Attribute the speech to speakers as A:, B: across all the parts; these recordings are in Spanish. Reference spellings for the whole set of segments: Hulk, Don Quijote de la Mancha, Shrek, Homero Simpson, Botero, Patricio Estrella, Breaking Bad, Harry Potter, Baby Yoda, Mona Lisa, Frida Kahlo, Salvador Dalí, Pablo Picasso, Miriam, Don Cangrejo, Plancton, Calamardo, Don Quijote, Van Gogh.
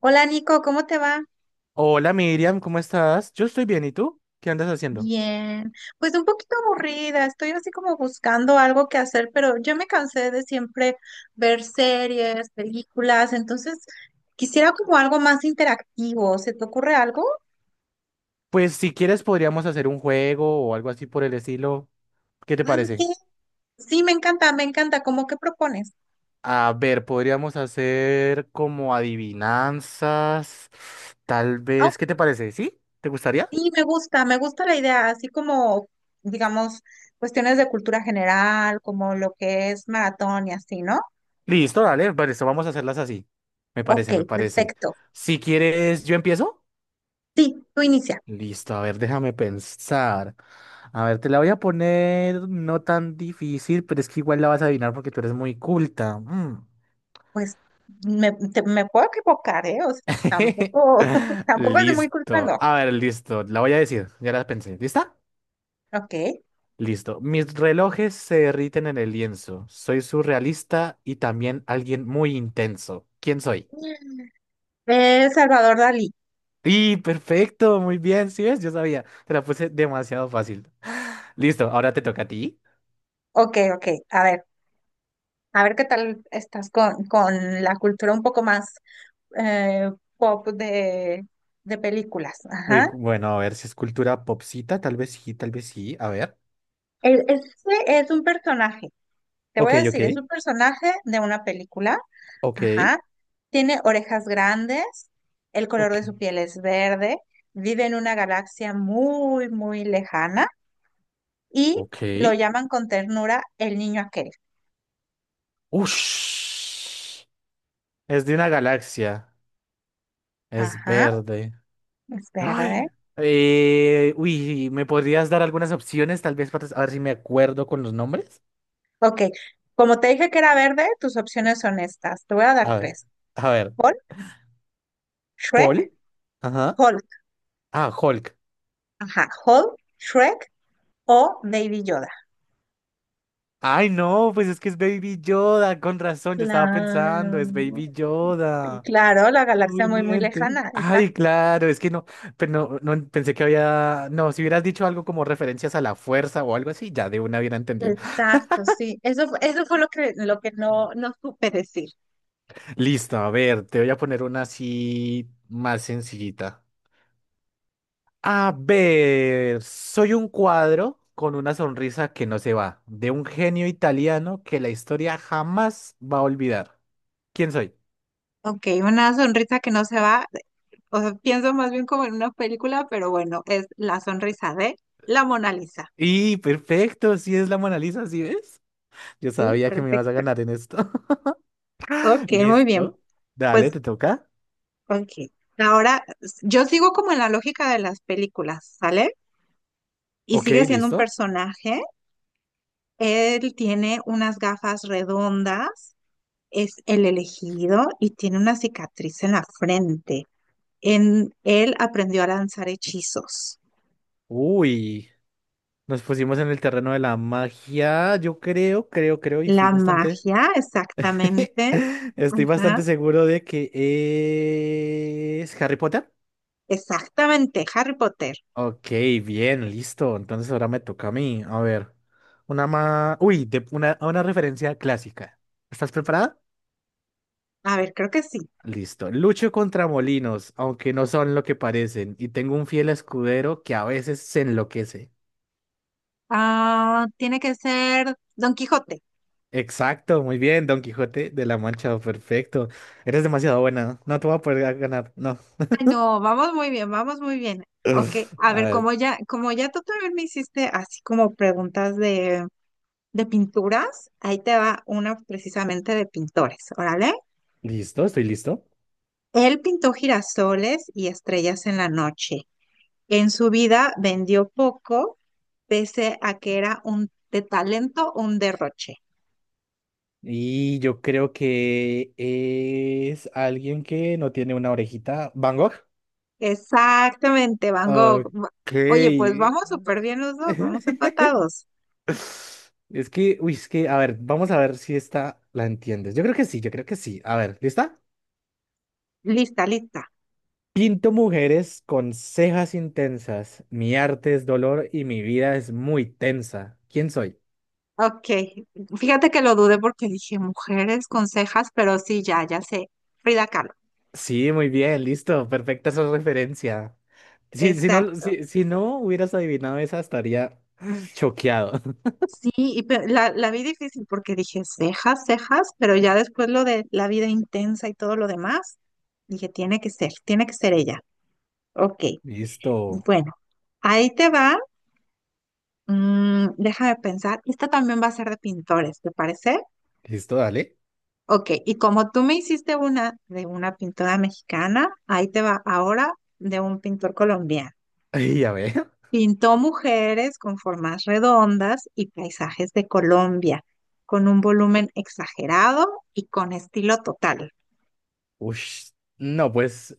A: Hola Nico, ¿cómo te va?
B: Hola Miriam, ¿cómo estás? Yo estoy bien, ¿y tú? ¿Qué andas haciendo?
A: Bien, pues un poquito aburrida, estoy así como buscando algo que hacer, pero yo me cansé de siempre ver series, películas, entonces quisiera como algo más interactivo. ¿Se te ocurre algo?
B: Pues si quieres podríamos hacer un juego o algo así por el estilo. ¿Qué te
A: Ah,
B: parece?
A: ok. Sí, me encanta, me encanta. ¿Cómo qué propones?
B: A ver, podríamos hacer como adivinanzas, tal
A: Ah,
B: vez. ¿Qué te parece? ¿Sí? ¿Te gustaría?
A: sí, me gusta la idea, así como, digamos, cuestiones de cultura general, como lo que es maratón y así, ¿no?
B: Listo, dale, vale, esto vamos a hacerlas así. Me
A: Ok,
B: parece, me parece.
A: perfecto.
B: Si quieres, ¿yo empiezo?
A: Sí, tú inicia.
B: Listo, a ver, déjame pensar. A ver, te la voy a poner no tan difícil, pero es que igual la vas a adivinar porque tú eres muy culta. Mm.
A: Pues me puedo equivocar, ¿eh? O sea, tampoco, tampoco es muy culpa,
B: Listo.
A: no.
B: A ver, listo. La voy a decir. Ya la pensé. ¿Lista?
A: Ok.
B: Listo. Mis relojes se derriten en el lienzo. Soy surrealista y también alguien muy intenso. ¿Quién soy?
A: Salvador Dalí.
B: Y perfecto, muy bien, ¿sí ves? Yo sabía, te la puse demasiado fácil. Listo, ahora te toca a ti.
A: Ok, ok. A ver qué tal estás con la cultura un poco más eh, pop de películas.
B: Uy,
A: Ajá.
B: cu- bueno, a ver si es cultura popsita, tal vez sí, a ver.
A: Este es un personaje. Te voy
B: Ok,
A: a
B: ok,
A: decir, es un personaje de una película.
B: ok,
A: Ajá. Tiene orejas grandes, el color de
B: ok,
A: su piel es verde, vive en una galaxia muy, muy lejana y
B: ok.
A: lo llaman con ternura el niño aquel.
B: Ush. Es de una galaxia. Es
A: Ajá,
B: verde.
A: es verde.
B: Ay, ¿me podrías dar algunas opciones, tal vez para a ver si me acuerdo con los nombres?
A: Ok, como te dije que era verde, tus opciones son estas. Te voy a
B: A
A: dar
B: ver,
A: tres.
B: a ver,
A: Hulk, Shrek,
B: Paul. Ajá.
A: Hulk.
B: Ah, Hulk.
A: Ajá, Hulk, Shrek o Baby Yoda.
B: Ay, no, pues es que es Baby Yoda, con razón, yo estaba
A: Claro,
B: pensando, es Baby Yoda.
A: claro, la galaxia muy, muy
B: Obviamente.
A: lejana,
B: Ay,
A: exacto.
B: claro, es que no, pero no, no pensé que había, no, si hubieras dicho algo como referencias a la fuerza o algo así, ya de una hubiera entendido.
A: Exacto, sí. Eso, eso fue lo que, no supe decir.
B: Listo, a ver, te voy a poner una así más sencillita. A ver, soy un cuadro con una sonrisa que no se va, de un genio italiano que la historia jamás va a olvidar. ¿Quién soy?
A: Ok, una sonrisa que no se va. O sea, pienso más bien como en una película, pero bueno, es la sonrisa de la Mona Lisa.
B: Y perfecto, si es la Mona Lisa, ¿sí ves? Yo
A: Sí,
B: sabía que me ibas a
A: perfecto.
B: ganar en esto.
A: Ok, muy bien.
B: Listo. Dale,
A: Pues,
B: ¿te toca?
A: ok. Ahora, yo sigo como en la lógica de las películas, ¿sale? Y
B: Ok,
A: sigue siendo un
B: listo.
A: personaje. Él tiene unas gafas redondas, es el elegido y tiene una cicatriz en la frente. En él aprendió a lanzar hechizos.
B: Uy, nos pusimos en el terreno de la magia. Yo creo, y estoy
A: La
B: bastante,
A: magia, exactamente.
B: estoy
A: Ajá,
B: bastante seguro de que es Harry Potter.
A: exactamente, Harry Potter.
B: Ok, bien, listo. Entonces ahora me toca a mí. A ver, una más... Una, una referencia clásica. ¿Estás preparada?
A: A ver, creo que sí.
B: Listo. Lucho contra molinos, aunque no son lo que parecen, y tengo un fiel escudero que a veces se enloquece.
A: Ah, tiene que ser Don Quijote.
B: Exacto, muy bien, Don Quijote de la Mancha, perfecto. Eres demasiado buena. No te voy a poder ganar, no.
A: Ay, no, vamos muy bien, vamos muy bien. Ok, a
B: A
A: ver,
B: ver,
A: como ya tú también me hiciste así como preguntas de pinturas, ahí te va una precisamente de pintores, órale.
B: listo, estoy listo.
A: Él pintó girasoles y estrellas en la noche. En su vida vendió poco, pese a que era un de talento, un derroche.
B: Y yo creo que es alguien que no tiene una orejita. ¿Van Gogh?
A: Exactamente, Van Gogh.
B: Ok.
A: Oye, pues vamos súper bien los dos, vamos empatados.
B: Es que, uy, es que, A ver, vamos a ver si esta la entiendes. Yo creo que sí, yo creo que sí. A ver, ¿lista?
A: Lista, lista.
B: Pinto mujeres con cejas intensas. Mi arte es dolor y mi vida es muy tensa. ¿Quién soy?
A: Ok, fíjate que lo dudé porque dije mujeres con cejas, pero sí, ya, ya sé. Frida Kahlo.
B: Sí, muy bien, listo. Perfecta esa referencia. Si no,
A: Exacto.
B: si, si no hubieras adivinado esa, estaría choqueado.
A: Sí, la vi difícil porque dije cejas, cejas, pero ya después lo de la vida intensa y todo lo demás, dije tiene que ser ella. Ok.
B: Listo.
A: Bueno, ahí te va. Mm, déjame pensar. Esta también va a ser de pintores, ¿te parece?
B: Listo, dale.
A: Ok, y como tú me hiciste una de una pintora mexicana, ahí te va ahora de un pintor colombiano.
B: Y a ver.
A: Pintó mujeres con formas redondas y paisajes de Colombia, con un volumen exagerado y con estilo total.
B: Ush. No, pues.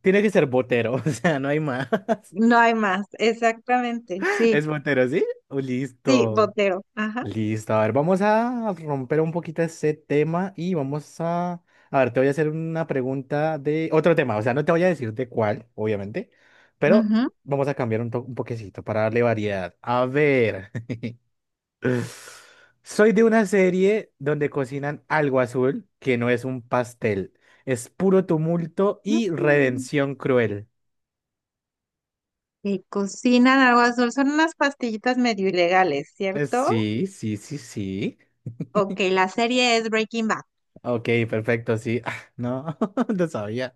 B: Tiene que ser Botero, o sea, no hay más.
A: No hay más, exactamente, sí,
B: ¿Es Botero, sí? Oh,
A: sí,
B: listo.
A: Botero, ajá.
B: Listo. A ver, vamos a romper un poquito ese tema y vamos a... A ver, te voy a hacer una pregunta de otro tema. O sea, no te voy a decir de cuál, obviamente, pero vamos a cambiar un poquecito para darle variedad. A ver. Soy de una serie donde cocinan algo azul que no es un pastel. Es puro tumulto y
A: Ujú,
B: redención cruel.
A: que cocinan algo azul. Son unas pastillitas medio ilegales, ¿cierto?
B: Sí, sí, sí, sí.
A: Ok, la serie es Breaking Bad.
B: Ok, perfecto, sí. Ah, no, no sabía.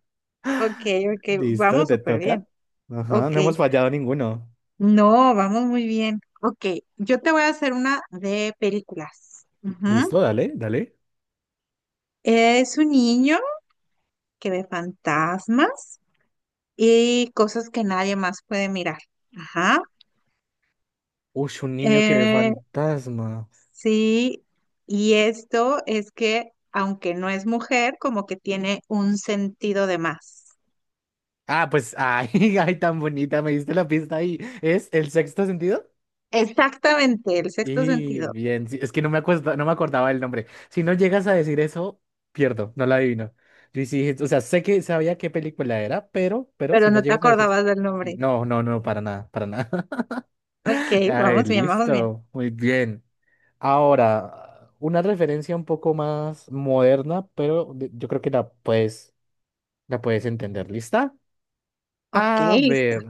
A: Ok, ok,
B: Listo,
A: vamos
B: te
A: súper
B: toca.
A: bien.
B: Ajá,
A: Ok,
B: no hemos fallado ninguno.
A: no, vamos muy bien. Ok, yo te voy a hacer una de películas. Ujú.
B: Listo, dale.
A: Es un niño que ve fantasmas y cosas que nadie más puede mirar. Ajá.
B: Uy, un niño que ve
A: Eh,
B: fantasma.
A: sí, y esto es que, aunque no es mujer, como que tiene un sentido de más.
B: Ah, pues, ay, ay, tan bonita, me diste la pista ahí. ¿Es el sexto sentido?
A: Exactamente, el sexto
B: Y
A: sentido,
B: bien, sí, es que no me acuerdo, no me acordaba el nombre. Si no llegas a decir eso, pierdo, no la adivino. Yo sí, o sea, sé que sabía qué película era, pero
A: pero
B: si no
A: no te
B: llegas a decir eso.
A: acordabas del nombre.
B: No, no, no, para nada, para nada.
A: Ok,
B: Ay,
A: vamos bien, vamos bien.
B: listo, muy bien. Ahora, una referencia un poco más moderna, pero yo creo que la puedes entender. ¿Lista?
A: Ok,
B: A
A: lista.
B: ver,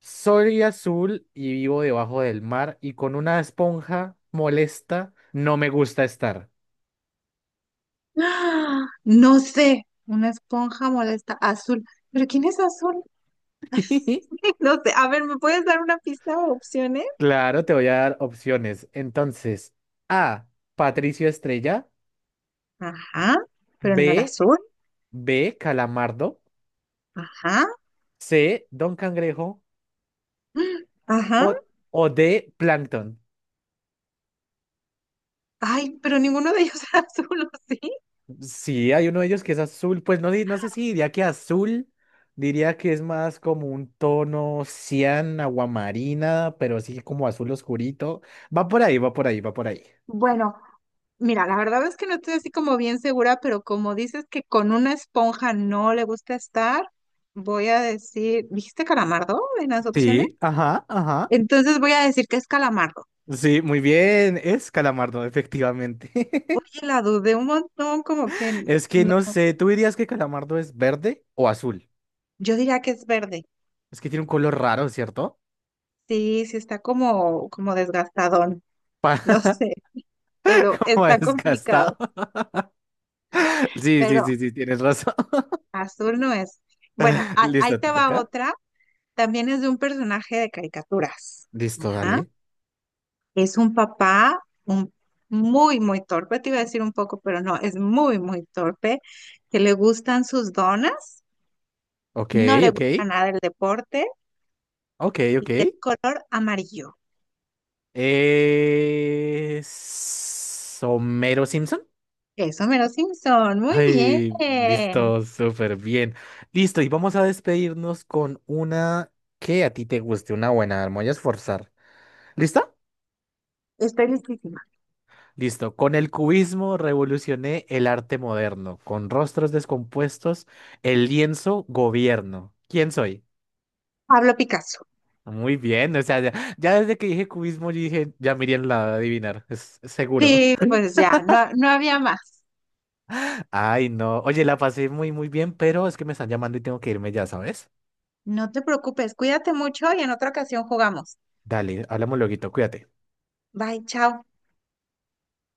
B: soy azul y vivo debajo del mar y con una esponja molesta no me gusta estar.
A: ¡Ah! No sé, una esponja molesta azul. ¿Pero quién es azul? No sé, a ver, ¿me puedes dar una pista o opciones?
B: Claro, te voy a dar opciones. Entonces, A, Patricio Estrella,
A: Ajá, pero no era
B: B,
A: azul.
B: B, Calamardo,
A: Ajá,
B: C, Don Cangrejo
A: mm, ajá.
B: o, o D, Plancton.
A: Ay, pero ninguno de ellos era azul, ¿o sí?
B: Sí, hay uno de ellos que es azul, pues no, no sé si diría que azul, diría que es más como un tono cian, aguamarina, pero sí como azul oscurito. Va por ahí, va por ahí, va por ahí
A: Bueno, mira, la verdad es que no estoy así como bien segura, pero como dices que con una esponja no le gusta estar, voy a decir, ¿dijiste calamardo en las opciones?
B: Sí, ajá, ajá.
A: Entonces voy a decir que es calamardo.
B: Sí, muy bien, es calamardo, efectivamente.
A: Oye, la dudé un montón,
B: Es que no sé, ¿tú dirías que calamardo es verde o azul?
A: yo diría que es verde.
B: Es que tiene un color raro, ¿cierto?
A: Sí, sí está como, como desgastadón, no
B: Páramo
A: sé, pero está complicado.
B: desgastado. Sí, sí,
A: Pero
B: sí, sí, tienes razón.
A: azul no es. Bueno, ahí
B: Listo,
A: te
B: te
A: va
B: toca.
A: otra. También es de un personaje de caricaturas.
B: Listo, dale.
A: Es un papá muy, muy torpe, te iba a decir un poco, pero no, es muy, muy torpe, que le gustan sus donas,
B: Ok,
A: no le
B: ok,
A: gusta nada el deporte
B: ok,
A: y
B: ok.
A: es color amarillo.
B: Es Homero Simpson.
A: Eso, Mero Simpson, muy bien.
B: Ay, listo, súper bien. Listo, y vamos a despedirnos con una que a ti te guste, una buena, me voy a esforzar. ¿Listo?
A: Estoy listísima.
B: Listo. Con el cubismo revolucioné el arte moderno. Con rostros descompuestos, el lienzo gobierno. ¿Quién soy?
A: Pablo Picasso.
B: Muy bien, o sea, ya, ya desde que dije cubismo, yo dije, ya Miriam la va a adivinar, es seguro.
A: Sí, pues ya, no, no había más.
B: Ay, no. Oye, la pasé muy, muy bien, pero es que me están llamando y tengo que irme ya, ¿sabes?
A: No te preocupes, cuídate mucho y en otra ocasión jugamos.
B: Dale, hablamos luego, cuídate.
A: Bye, chao.